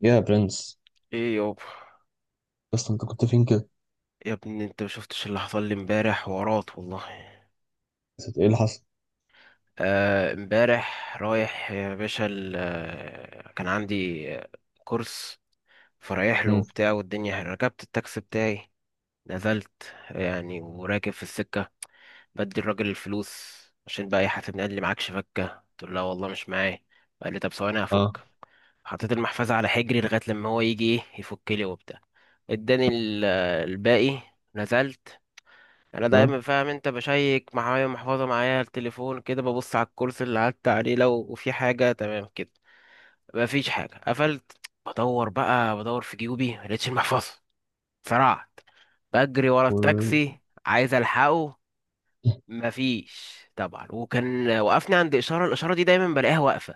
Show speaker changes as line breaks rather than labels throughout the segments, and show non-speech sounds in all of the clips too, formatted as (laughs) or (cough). يا برنس.
ايه يابا.
بس انت كنت فين كده؟
يا ابني انت ما شفتش اللي حصل لي امبارح؟ ورات والله.
نسيت ايه اللي حصل؟
امبارح رايح يا باشا كان عندي كورس، فرايح له
امم.
وبتاع. والدنيا ركبت التاكسي بتاعي، نزلت يعني وراكب في السكة، بدي الراجل الفلوس عشان بقى يحاسبني. قال لي معكش فكة؟ قلت له لا والله مش معايا. قال لي طب ثواني هفك.
اه.
حطيت المحفظة على حجري لغاية لما هو يجي ايه يفك لي وبتاع، اداني الباقي. نزلت. يعني انا
اه.
دايما فاهم انت، بشيك معايا محفظه، معايا التليفون، كده ببص على الكرسي اللي قعدت عليه لو وفي حاجه، تمام كده. مفيش حاجه، قفلت. بدور بقى، بدور في جيوبي، ملقتش المحفظه. سرعت بجري ورا
و...
التاكسي، عايز الحقه.
(laughs)
مفيش طبعا. وكان وقفني عند اشاره، الاشاره دي دايما بلاقيها واقفه.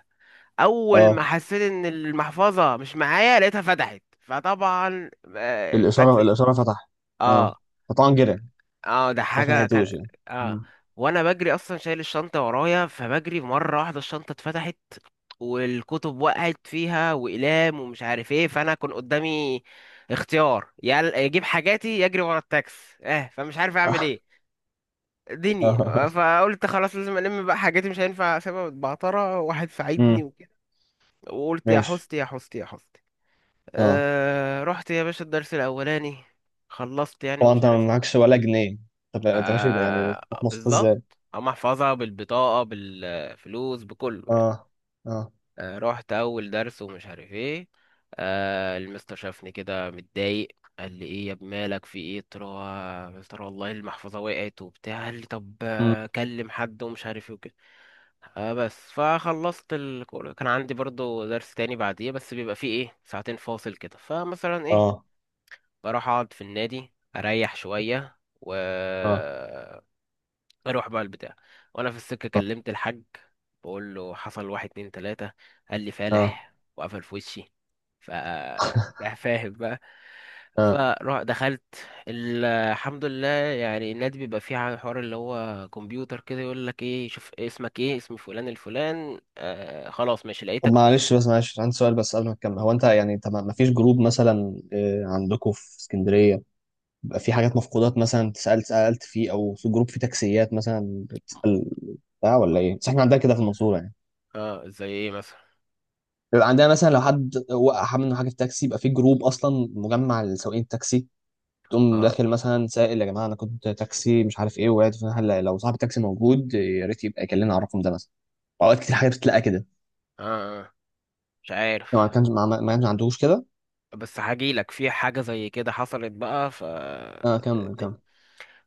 اول ما
اه.
حسيت ان المحفظه مش معايا لقيتها فتحت، فطبعا
الاشاره
التاكسي.
الاشاره فتح. اه.
اه
فطبعا جري.
اه ده
خلاص ما
حاجة كان.
لحقتوش يعني.
اه
امم.
وانا بجري اصلا شايل الشنطة ورايا، فبجري مرة واحدة الشنطة اتفتحت والكتب وقعت فيها واقلام ومش عارف ايه. فانا كان قدامي اختيار، يا اجيب حاجاتي يا اجري ورا التاكس. اه فمش عارف اعمل
اه.
ايه، دنيا. فقلت خلاص، لازم الم بقى حاجاتي، مش هينفع اسيبها متبعترة. واحد
امم.
ساعدني وكده،
(laughs)
وقلت يا
ماشي.
حستي يا حستي يا حستي.
اه
رحت يا باشا الدرس الاولاني، خلصت يعني
طبعا.
ومش
انت
عارف ايه.
معكش ولا جنيه؟ طب انت ماشي يبقى يعني بتروح
آه،
مصر
بالظبط،
ازاي؟
هم احفظها بالبطاقة بالفلوس بكله
اه.
يعني.
اه.
رحت أول درس ومش عارف ايه. المستر شافني كده متضايق، قال لي ايه يا ابني مالك، في ايه؟ قلت له يا مستر والله المحفظة وقعت وبتاع. قال لي طب
امم.
كلم حد ومش عارف ايه وكده. بس، فخلصت الكورة. كان عندي برضو درس تاني بعديه، بس بيبقى فيه ايه، ساعتين فاصل كده، فمثلا ايه،
اه.
بروح اقعد في النادي اريح شوية، و
اه.
اروح بقى البتاع. وانا في السكه كلمت الحاج، بقول له حصل واحد اتنين تلاته. قال لي
اه.
فالح، وقفل في وشي. ف ده فاهم بقى.
اه.
فروح دخلت. الحمد لله، يعني النادي بيبقى فيه حوار اللي هو كمبيوتر كده، يقول لك ايه، شوف اسمك ايه، اسم فلان الفلان، آه خلاص ماشي
طب
لقيتك، خش.
معلش، بس معلش عندي سؤال بس قبل ما تكمل. هو انت يعني انت ما فيش جروب مثلا، عندكم في اسكندريه؟ بيبقى في حاجات مفقودات مثلا، سألت فيه، او في جروب فيه تكسيات مثلا بتسأل بتاع، ولا
اه.
ايه؟ بس احنا عندنا كده في المنصورة يعني.
زي ايه مثلا؟
بيبقى عندنا مثلا لو حد وقع منه حاجة في تاكسي يبقى في جروب اصلا مجمع لسواقين التاكسي. تقوم
اه
داخل مثلا سائل، يا جماعة انا كنت تاكسي مش عارف ايه، وقعت فين؟ هل لو صاحب التاكسي موجود يا ريت يبقى يكلمنا على الرقم ده مثلا. اوقات كتير حاجة بتتلقى كده.
اه. آه، مش عارف،
لو ما كانش ما كانش عندوش كده.
بس هجيلك في حاجة زي كده حصلت بقى. ف
اه كمل كمل.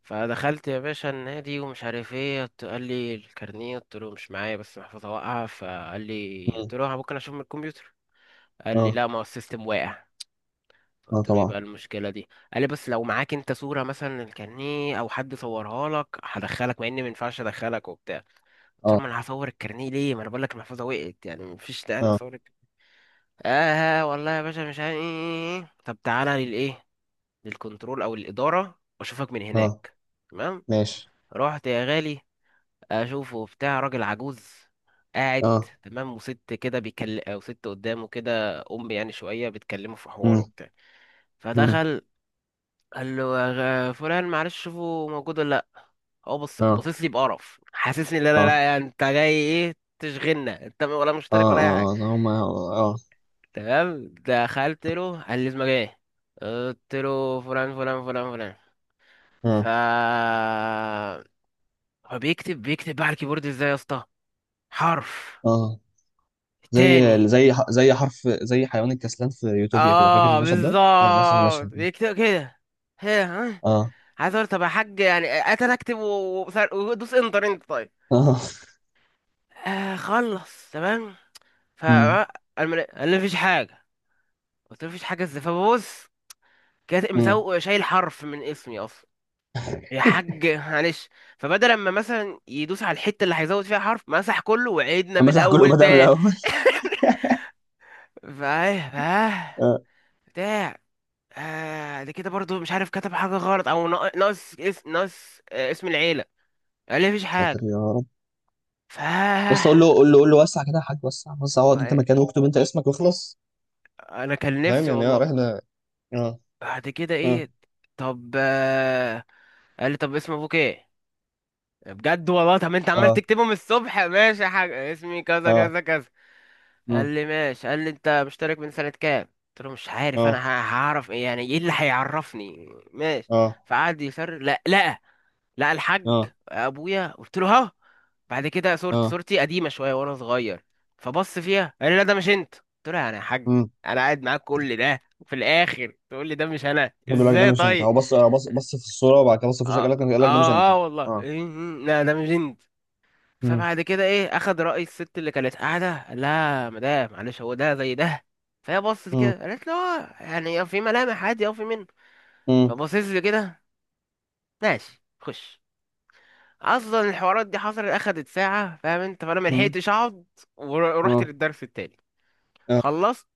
فدخلت يا باشا النادي ومش عارف ايه. قال لي الكارنيه. قلت له مش معايا، بس محفظه واقعه. فقال لي،
مم.
قلت له ممكن اشوف من الكمبيوتر؟ قال لي
اه.
لا، ما هو السيستم واقع.
اه
قلت له ايه بقى
طبعا.
المشكله دي؟ قال لي بس لو معاك انت صوره مثلا الكارنيه او حد صورها لك هدخلك، مع اني ما ينفعش ادخلك وبتاع. قلت له
اه.
ما انا هصور الكارنيه ليه، ما انا بقول لك المحفظه وقعت يعني مفيش داعي
اه.
اصور الكارنيه. اه والله يا باشا مش عارف ايه. ايه ايه. إيه. طب تعالى للايه، للكنترول او الاداره، واشوفك من
اه.
هناك. تمام.
ماشي.
رحت يا غالي، اشوفه بتاع راجل عجوز قاعد،
اه.
تمام، وست كده بيكلم، او ست قدامه كده يعني شويه بتكلمه في حواره
مم.
وبتاع.
مم.
فدخل، قال له يا فلان معلش، شوفه موجود ولا لا. هو بص
اه.
بصيص لي بقرف، حاسسني لا لا
اه.
لا انت جاي ايه تشغلنا، انت ولا
اه.
مشترك ولا اي حاجه.
اه. اه هما. اه. اه.
تمام. دخلت له قال لي اسمك ايه، قلت له فلان فلان فلان فلان. ف
اه.
هو بيكتب بيكتب بقى على الكيبورد ازاي يا اسطى، حرف
آه.
تاني.
زي زي زي حيوان الكسلان في يوتوبيا كده، فاكر
اه
المشهد ده؟ نفس المشهد
بالظبط،
ده.
يكتب كده. هي ها.
اه.
عايز اقول طب يا حاج يعني اتر اكتب ودوس انتر انت، طيب.
(laughs) اه.
خلص، تمام. ف
امم.
قال لي مفيش حاجه. قلت له مفيش حاجه ازاي؟ فببص، كاتب
امم.
مسوق شايل حرف من اسمي اصلا. يا حاج معلش. فبدل ما مثلا يدوس على الحته اللي هيزود فيها حرف، مسح كله وعيدنا من
مسح كله،
الاول
بدأ من
تاني.
الأول.
(laughs) فايه
اه.
بتاع. آه ده كده برضو مش عارف، كتب حاجة غلط أو ناقص ناقص اسم العيلة. قال لي مفيش
ساتر
حاجة.
يا رب. بس
فا
قول له قول له قول له، وسع كده يا حاج، وسع وسع، اقعد انت مكانه واكتب انت اسمك واخلص.
أنا كان
فاهم
نفسي
يعني، اه،
والله.
رحلة. اه.
بعد كده
اه.
إيه، طب آه، قال لي طب اسم أبوك إيه. بجد والله، طب أنت عمال
اه.
تكتبهم الصبح، ماشي حاجة، اسمي كذا
اه.
كذا كذا. قال
مم.
لي ماشي. قال لي أنت مشترك من سنة كام؟ قلت له مش عارف أنا
اه.
هعرف إيه يعني، إيه اللي هيعرفني، ماشي.
اه.
فقعد يسر لا لا، لقى الحاج
اه.
ابويا، قلت له ها. بعد كده صورتي
اه.
صورتي قديمه شويه وانا صغير، فبص فيها قال لي لا ده مش انت. قلت له انا يا حاج.
امم.
انا قاعد معاك كل ده وفي الاخر تقول لي ده مش انا،
بيقول لك ده
ازاي
مش انت؟
طيب؟
هو بص بص بص في الصورة وبعد كده بص في وشك،
اه
قال لك ده مش انت.
اه, آه والله.
اه.
إيه، إيه، لا ده مش انت. فبعد كده ايه، اخد راي الست اللي كانت قاعده، قال لها مدام معلش هو ده زي ده. فهي بصت
امم.
كده قالت له اه يعني في ملامح عادي، او في منه.
مم.
فبصيت لي كده، ماشي خش. اصلا الحوارات دي حصلت اخدت ساعه، فاهم انت، فانا
مم.
ملحقتش اقعد. ورحت
اه.
للدرس التاني
اه.
خلصت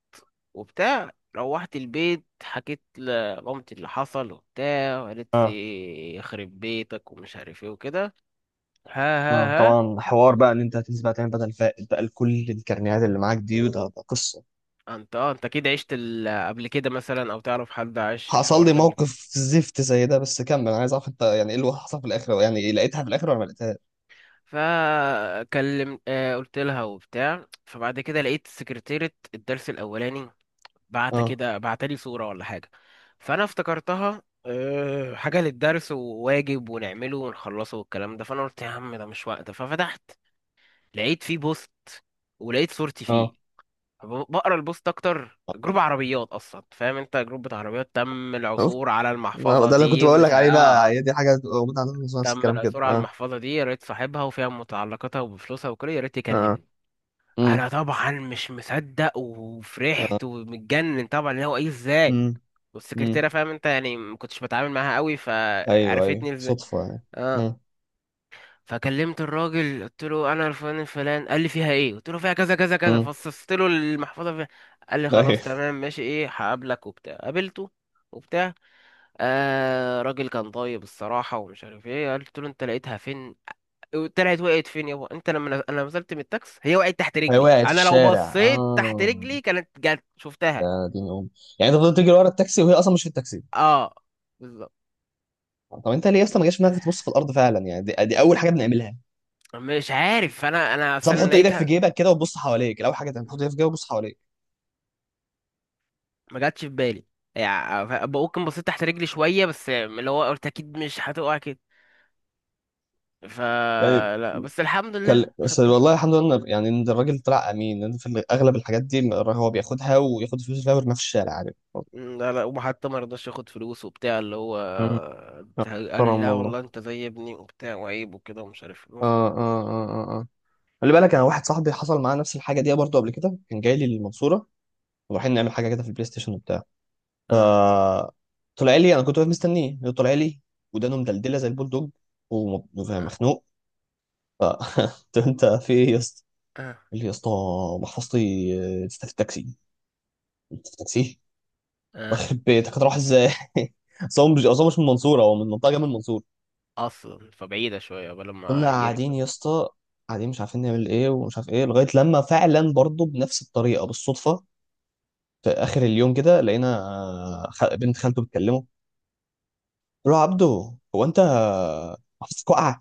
وبتاع، روحت البيت حكيت لمامتي اللي حصل وبتاع، وقالت
اه.
لي يخرب بيتك ومش عارف ايه وكده. ها.
آه.
ها ها.
طبعا، حوار بقى ان انت هتنزل بقى تعمل بدل فائت بقى لكل الكرنيهات اللي معاك دي، وده قصه.
انت اكيد عشت قبل كده مثلا، او تعرف حد عاش
حصل
الحوار
لي
ده قبل كده.
موقف زفت زي ده، بس كمل، انا عايز اعرف انت يعني ايه اللي حصل في الاخر، يعني لقيتها في الاخر ولا ما لقيتهاش؟
فكلم آه قلت لها وبتاع. فبعد كده لقيت سكرتيرة الدرس الاولاني بعت
اه.
كده، بعتلي صورة ولا حاجة، فأنا افتكرتها حاجة للدرس، وواجب ونعمله ونخلصه والكلام ده. فأنا قلت يا عم ده مش وقت. ففتحت لقيت فيه بوست، ولقيت صورتي فيه.
اه.
بقرا البوست، أكتر جروب عربيات أصلا، فاهم أنت، جروب بتاع عربيات. تم
شفت؟
العثور على المحفظة
ده اللي كنت
دي
بقول
ومش
لك عليه بقى،
آه.
هي دي حاجه بتبقى موجوده عندنا في مصر، نفس
تم
الكلام كده.
العثور على
اه.
المحفظة دي، يا ريت صاحبها وفيها متعلقاتها وبفلوسها وكده، يا ريت
اه.
يكلمني.
امم.
أنا طبعا مش مصدق
اه.
وفرحت ومتجنن طبعا، اللي هو إيه، إزاي.
امم. امم.
والسكرتيره فاهم انت يعني ما كنتش بتعامل معاها قوي،
ايوه ايوه،
فعرفتني ازاي.
صدفه يعني.
اه
امم.
فكلمت الراجل، قلت له انا الفلان الفلان. قال لي فيها ايه؟ قلت له فيها كذا كذا كذا،
امم.
فصصت له المحفظه فيها. قال لي خلاص
ايوه.
تمام ماشي، ايه هقابلك وبتاع، قابلته وبتاع. آه، راجل كان طيب الصراحه ومش عارف ايه. قلت له انت لقيتها فين؟ طلعت وقعت فين؟ يابا انت لما انا نزلت من التاكس هي وقعت تحت
هي
رجلي،
وقعت في
انا لو
الشارع،
بصيت تحت
اه.
رجلي كانت جت، شفتها.
يا دين ام. يعني انت فضلت تجري ورا التاكسي وهي اصلا مش في التاكسي؟
اه بالظبط.
طب انت ليه اصلا ما جاش في دماغك تبص في الارض فعلا؟ يعني دي، دي اول حاجه بنعملها،
مش عارف انا
بس
اصل انا
بحط ايدك في
لقيتها،
جيبك كده وتبص حواليك. الاول حاجه تعمل، تحط ايدك في جيبك وتبص حواليك.
ما جاتش في بالي. يعني ممكن بصيت تحت رجلي شوية، بس اللي هو قلت أكيد مش هتقع كده،
يعني
فلا. بس الحمد
كان
لله
بس، والله
خدتها.
الحمد لله يعني ان الراجل طلع امين، لان في اغلب الحاجات دي هو بياخدها وياخد فلوس فيها ويرميها في الشارع، عارف.
لا لا، وحتى ما رضاش ياخد فلوس وبتاع، اللي هو
مم.
قال لي
محترم
لا
والله.
والله انت زي ابني وبتاع وعيب وكده ومش عارف ايه، بس.
اه. اه. اه. اه. اه. خلي بالك، انا واحد صاحبي حصل معاه نفس الحاجه دي برضه قبل كده. كان جاي لي المنصوره ورايحين نعمل حاجه كده في البلاي ستيشن وبتاع. ف،
اه
طلع لي، انا كنت واقف مستنيه، هو طلع لي ودانه مدلدله زي البول دوج،
اه
ومخنوق. ف (laughs) قلت له، انت في ايه يا اسطى؟
اه
قال لي يا اسطى، محفظتي لسه في التاكسي. قلت في التاكسي؟
اه.
يخرب (laughs) بيتك، هتروح ازاي؟ (laughs) اصل هو مش، من المنصوره، هو من منطقه جنب المنصوره.
اصلا فبعيدة شوية قبل
فضلنا
ما
قاعدين
يركب.
يا اسطى، قاعدين مش عارفين نعمل ايه ومش عارف ايه، لغايه لما فعلا برضه بنفس الطريقه بالصدفه في اخر اليوم كده لقينا. بنت خالته بتكلمه، قلت له، يا عبده، هو انت محفظتك واقعه؟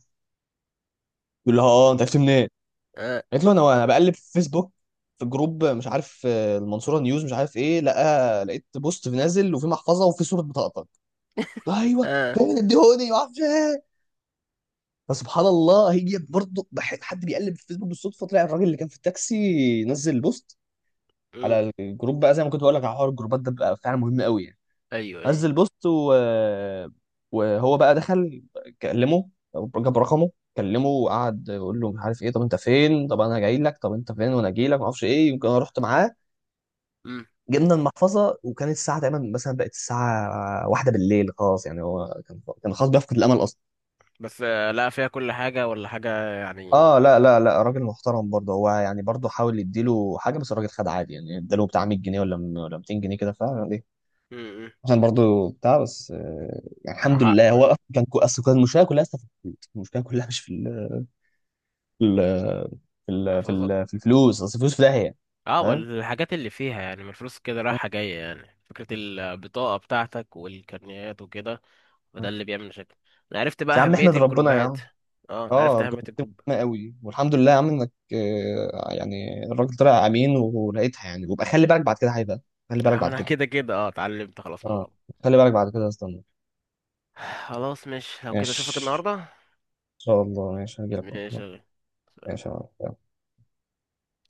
يقول لها، اه، انت عرفت منين؟
اه
قالت له، انا بقلب في فيسبوك، في جروب مش عارف المنصوره نيوز مش عارف ايه، لقيت بوست نازل، وفي محفظه وفي صوره بطاقتك. ايوه.
اه.
فين، اديهوني، ما اعرفش ايه؟ فسبحان الله، هي برضه حد بيقلب في فيسبوك بالصدفه، طلع الراجل اللي كان في التاكسي نزل بوست
امم.
على الجروب بقى. زي ما كنت بقول لك على حوار الجروبات، ده بقى فعلا مهم قوي يعني.
ايوه ايوه.
نزل بوست وهو بقى دخل، كلمه، جاب رقمه، كلمه وقعد يقول له مش عارف ايه، طب انت فين؟ طب انا جاي لك، طب انت فين وانا جاي لك، ما اعرفش ايه. يمكن انا رحت معاه
امم.
جبنا المحفظه، وكانت الساعه تقريبا مثلا بقت الساعه واحدة بالليل، خلاص يعني هو كان خلاص بيفقد الامل اصلا.
بس لا فيها كل حاجة ولا حاجة يعني.
اه. لا لا لا، راجل محترم برضه هو يعني. برضه حاول يديله حاجه بس الراجل خد عادي، يعني اداله بتاع 100 جنيه ولا 200 جنيه كده، فاهم؟
امم.
عشان برضو بتاع، بس يعني الحمد لله،
حقه
هو
يعني.
اصلا اصل كان المشكله كلها أصلا في الفلوس، المشكله كلها مش في ال
محفظة.
في الفلوس، اصل الفلوس في داهيه،
اه،
فاهم.
والحاجات اللي فيها يعني من الفلوس كده رايحة جاية يعني، فكرة البطاقة بتاعتك والكارنيهات وكده، وده اللي بيعمل مشاكل. انا عرفت
بس يا
بقى
عم
أهمية
احمد، ربنا يا
الجروبات.
عم.
اه انا
اه،
عرفت أهمية
جربت
الجروب.
مهمه قوي، والحمد لله يا عم انك يعني الراجل طلع امين ولقيتها يعني. وبقى خلي بالك بعد كده هيبقى، خلي بالك
اه
بعد
انا
كده.
كده كده اه اتعلمت خلاص من
اه
الغلط.
خلي بالك بعد كده، استنى.
(sighs) خلاص، مش لو كده اشوفك
ماشي،
النهاردة.
ان شاء الله ماشي هجيلك
ماشي يا
برضه.
غالي.
ماشي يا عم.